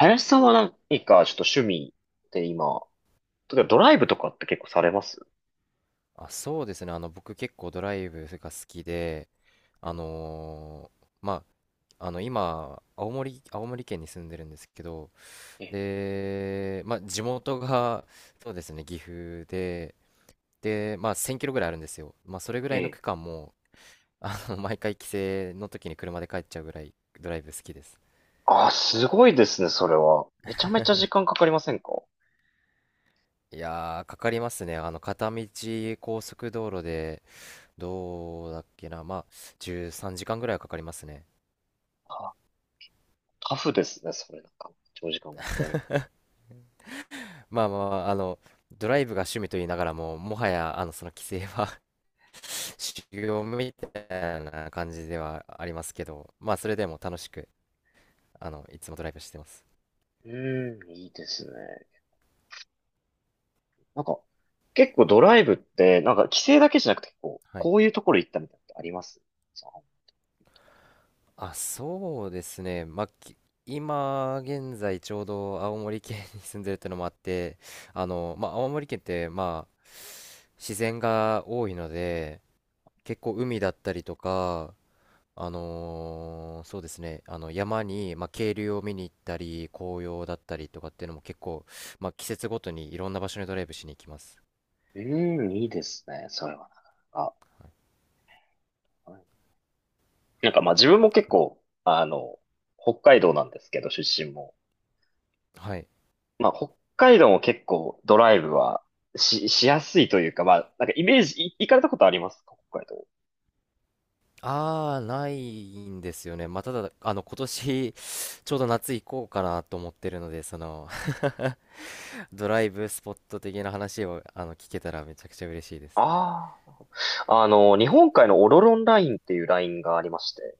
林さんは何かちょっと趣味で今、例えばドライブとかって結構されますあ、そうですね。僕結構ドライブが好きで、あのまあ、今、青森県に住んでるんですけど、ええ、で、まあ、地元が、そうですね、岐阜で、で、まあ、1000キロぐらいあるんですよ。まあ、それぐえらいのえ。区間も、毎回帰省の時に車で帰っちゃうぐらいドライブ好きです。ああ、すごいですね、それは。めちゃめちゃ時間かかりませんか？いやー、かかりますね。片道高速道路で、どうだっけな、まあ、13時間ぐらいはかかりますね。あ、タフですね、それ。長時間運転。まあまあまあ、ドライブが趣味と言いながらも、もはや、その規制は 修行みたいな感じではありますけど、まあ、それでも楽しく、いつもドライブしてます。うーん、いいですね。なんか、結構ドライブって、なんか規制だけじゃなくて、こう、はい。こういうところ行ったみたいなのってあります？そあ、そうですね。今、現在、ちょうど青森県に住んでるってのもあって、まあ、青森県って、まあ、自然が多いので、結構海だったりとか、そうですね、あの山に、まあ、渓流を見に行ったり、紅葉だったりとかっていうのも結構、まあ、季節ごとにいろんな場所にドライブしに行きます。ううーん、いいですね、それはなかなか。うん、なんかまあ自分も結構、北海道なんですけど、出身も。はい。まあ、北海道も結構ドライブはしやすいというか、まあ、なんかイメージ、い行かれたことありますか北海道。ああ、ないんですよね。まあ、ただ、今年、ちょうど夏行こうかなと思ってるので、その、ドライブスポット的な話を、聞けたらめちゃくちゃ嬉しいです。ああ。日本海のオロロンラインっていうラインがありまして、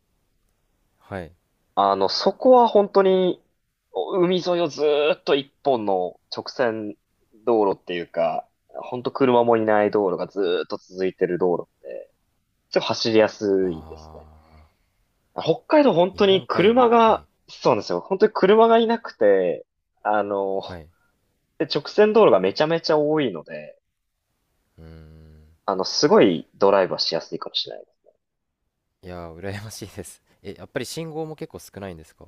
はい。そこは本当に、お海沿いをずーっと一本の直線道路っていうか、本当車もいない道路がずーっと続いてる道路で、ちょっと走りやあすいですね。あ、北海道本日当に本海車の、はが、い。そうなんですよ。本当に車がいなくて、あの、はい。で、直線道路がめちゃめちゃ多いので、うーん。すごいドライブはしやすいかもしれない。いやー、羨ましいです。え、やっぱり信号も結構少ないんですか？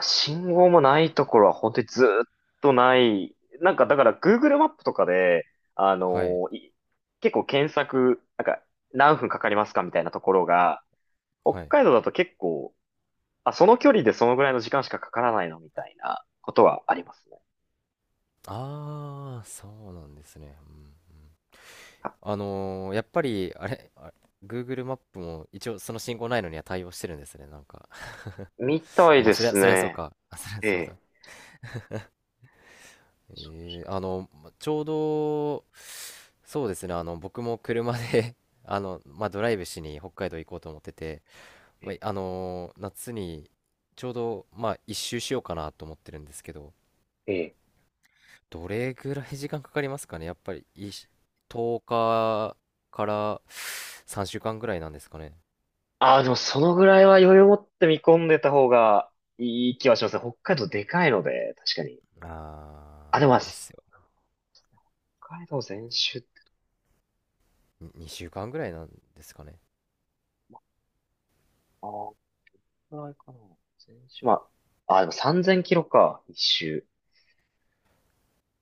信号もないところは本当にずーっとない。なんか、だから Google マップとかで、あのはい。ーい結構検索、なんか、何分かかりますかみたいなところが、北はい。海道だと結構、あ、その距離でそのぐらいの時間しかかからないのみたいなことはありますね。ああ、そうなんですね。うん、あやっぱり、あれ、あ Google マップも一応その信号ないのには対応してるんですね、なんか。みたあ、いまあ、ですそりゃそうね。か。あ、そりゃえそうえ。だ。ちょうど、そうですね、僕も車で まあ、ドライブしに北海道行こうと思ってて、えまあ、え、夏にちょうど、まあ、一周しようかなと思ってるんですけど、ええ、どれぐらい時間かかりますかね？やっぱり10日かから3週間ぐらいなんですかね？ああ、でもそのぐらいは余裕を持って見込んでた方がいい気はしますね。北海道でかいので、確かに。あ、でもまああ、ーですよ北海道全周って、に2週間ぐらいなんですかね？ああ、このぐらいかな。全周。まあ、あ、でも3000キロか、一周。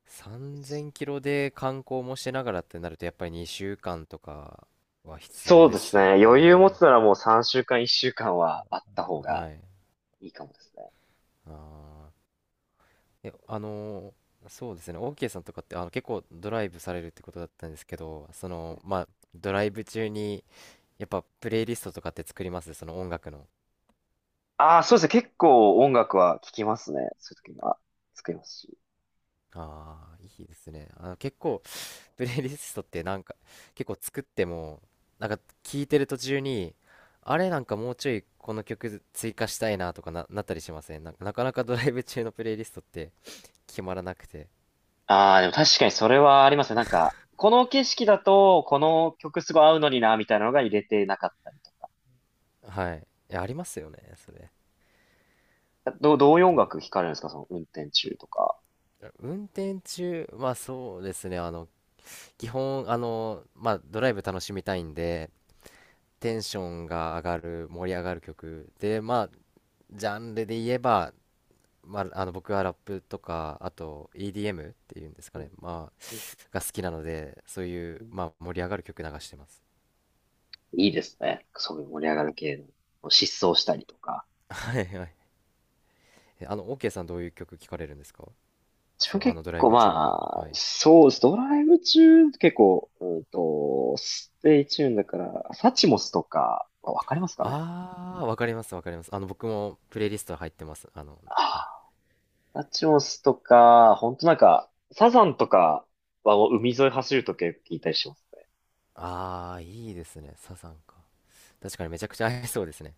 3000キロで観光もしながらってなるとやっぱり2週間とかは必要そうでですすね。よ余裕持ね？つならもう3週間、1週間はあった方がはい。いいかもですね。あーえあのーそうですね、オーケーさんとかって結構ドライブされるってことだったんですけど、そのまあドライブ中にやっぱプレイリストとかって作ります？その音楽の。ああ、そうですね。結構音楽は聴きますね。そういう時は作りますし。ああ、いいですね。結構、プレイリストってなんか、結構作っても、なんか聞いてる途中に、あれなんかもうちょいこの曲追加したいなとかな、なったりしません？なんかなかなかドライブ中のプレイリストって決まらなくて。ああ、でも確かにそれはありますね。なんか、この景色だと、この曲すごい合うのにな、みたいなのが入れてなかったりとはい。いや、ありますよね、それ。か。どういう音ど楽聴かれるんですかその運転中とか。運転中、まあそうですね、基本、まあドライブ楽しみたいんで、テンションが上がる、盛り上がる曲で、まあ、ジャンルで言えば、まあ、あの僕はラップとかあと EDM っていうんですかうん、ね、まあ、うん、が好きなのでそういう、うん、まあ、盛り上がる曲流してます。いいですね。そういう盛り上がる系の、疾走したりとか。はいはい。えあの OK さんどういう曲聴かれるんですか？自そ分う、あ結のドライ構ブ中は、まはあ、い。そうです。ドライブ中、結構、ステイチューンだから、サチモスとか、わかりますかね？ああー、わかります、わかります。あの僕もプレイリスト入ってます。はい、あラチモスとか、ほんとなんか、サザンとかはもう海沿い走るときよく聞いたりしますね。ああいいですね。サザンか、確かにめちゃくちゃ合いそうですね。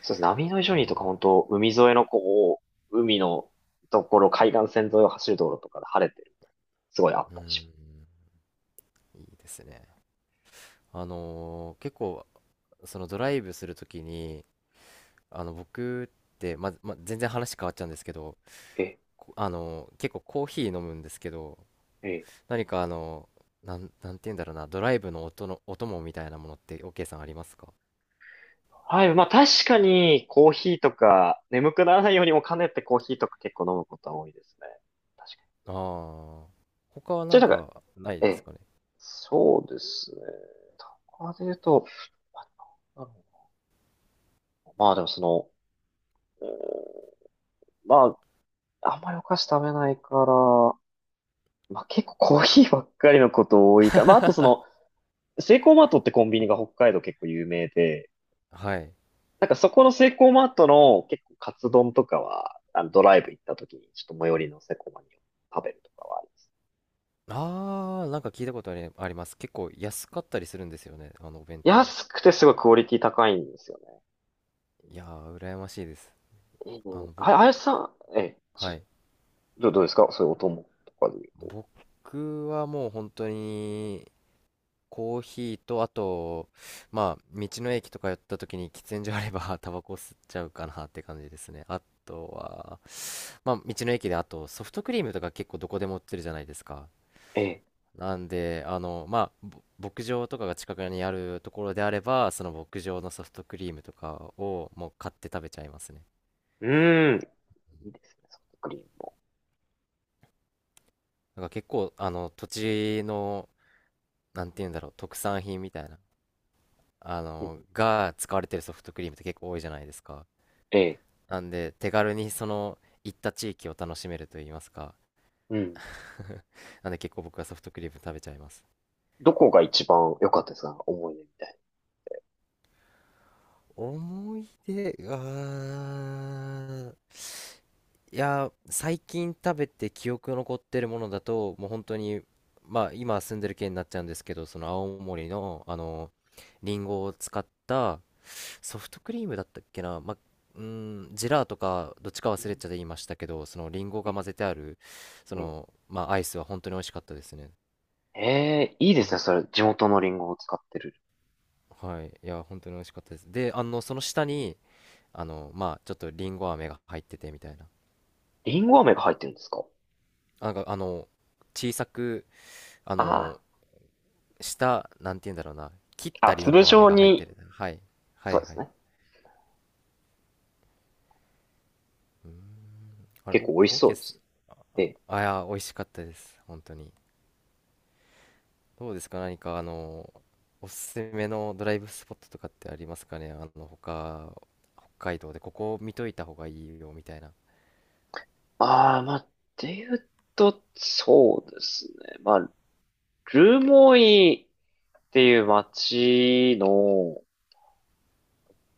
そうですね。波の異う常にとか本当海沿いの海のところ、海岸線沿いを走る道路とかで晴れてると、すごいあっん、たりします。うん、いいですね。結構そのドライブするときに僕ってまあまあ、全然話変わっちゃうんですけど、え、こあの結構コーヒー飲むんですけど、え。何かなんて言うんだろうな、ドライブの音のお供みたいなものって OK さんありますか？はい。まあ確かにコーヒーとか、眠くならないようにも兼ねてコーヒーとか結構飲むことは多いですね。確かに。ああー、他はじなゃんあなんか、かないえですえ。かね？ そうですね。とかで言うと、まあなんだろでもその、まあ、あんまりお菓子食べないから、まあ、結構コーヒーばっかりのこと多いから、まあ、あとそ の、セイコーマートってコンビニが北海道結構有名で、はい。なんかそこのセイコーマートの結構カツ丼とかは、あのドライブ行った時にちょっと最寄りのセイコーマーに食べるとかはありああー、なんか聞いたことあり、あります。結構安かったりするんですよね、あのお弁当。安くてすごいクオリティ高いんですよね。いやー羨ましいです。うあん。の僕あ、あやしさん、え、そはい。どうですかそういうお供とかで言うと。僕はもう本当にコーヒーと、あと、まあ、道の駅とか寄った時に喫煙所あれば、タバコ吸っちゃうかなって感じですね。あとは、まあ、道の駅で、あと、ソフトクリームとか結構どこでも売ってるじゃないですか。え、なんで、まあ、牧場とかが近くにあるところであれば、その牧場のソフトクリームとかをもう買って食べちゃいますね。うーん、いいですね、ソフトクリームも。なんか結構、土地の、なんて言うんだろう、特産品みたいな、うん、が使われてるソフトクリームって結構多いじゃないですか。え、なんで、手軽にその行った地域を楽しめると言いますか。うん。なんで結構僕はソフトクリーム食べちゃいます。どこが一番良かったですか思い出みたいな。思い出が、いや、最近食べて記憶残ってるものだと、もう本当に、まあ今住んでる県になっちゃうんですけど、その青森の、リンゴを使ったソフトクリームだったっけな、まあ、うん、ジェラーとかどっちか忘れちゃって言いうましたけど、そのリンゴが混ぜてある、そん。の、まあアイスは本当に美味しかったですね。ええいいですね。それ、地元のリンゴを使ってる。はい、いや、本当に美味しかったです。で、その下に、まあ、ちょっとリンゴ飴が入っててみたいな。リンゴ飴が入ってるんですか？なんか、小さく、ああの、下、なんて言うんだろうな、切っあ。あ、たリン粒ゴ飴状が入ってに、る。はい、はそうい、ではすい。ね。うん、あれ、結お、構美味しオーそケーうっですす。ね。ええ。あ、いや、美味しかったです。本当に。どうですか、何か、おすすめのドライブスポットとかってありますかね。他、北海道でここ見といた方がいいよみたいな。ああ、まあ、っていうと、そうですね。まあ、ルモイっていう町の、こ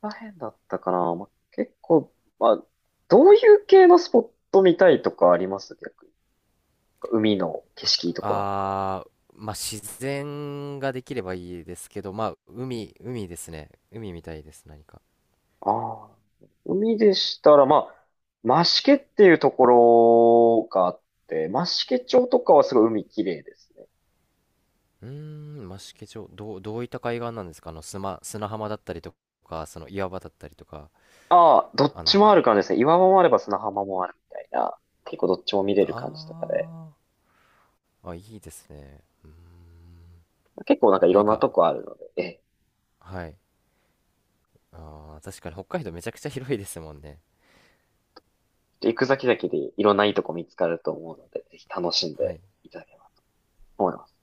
こら辺だったかな。まあ、結構、まあ、どういう系のスポット見たいとかあります逆に？海の景色いいとこなのか。あー、まあ、自然ができればいいですけど、まあ、海ですね。海みたいです、何か。ああ、海でしたら、まあ、増毛っていうところがあって、増毛町とかはすごい海綺麗ですね。うーん、増毛町、どういった海岸なんですか？あの、砂浜だったりとか、その岩場だったりとか、ああ、どっあちの、もある感じですね。岩場もあれば砂浜もあるみたいな。結構どっちも見れる感じとかで。あー、あ、いいですね。うーん、結構なんかい何ろんなとか、こあるので、えはい。あー、確かに北海道めちゃくちゃ広いですもんね。え、行く先々でいろんないいとこ見つかると思うので、ぜひ楽しんはでい。いただければと思います。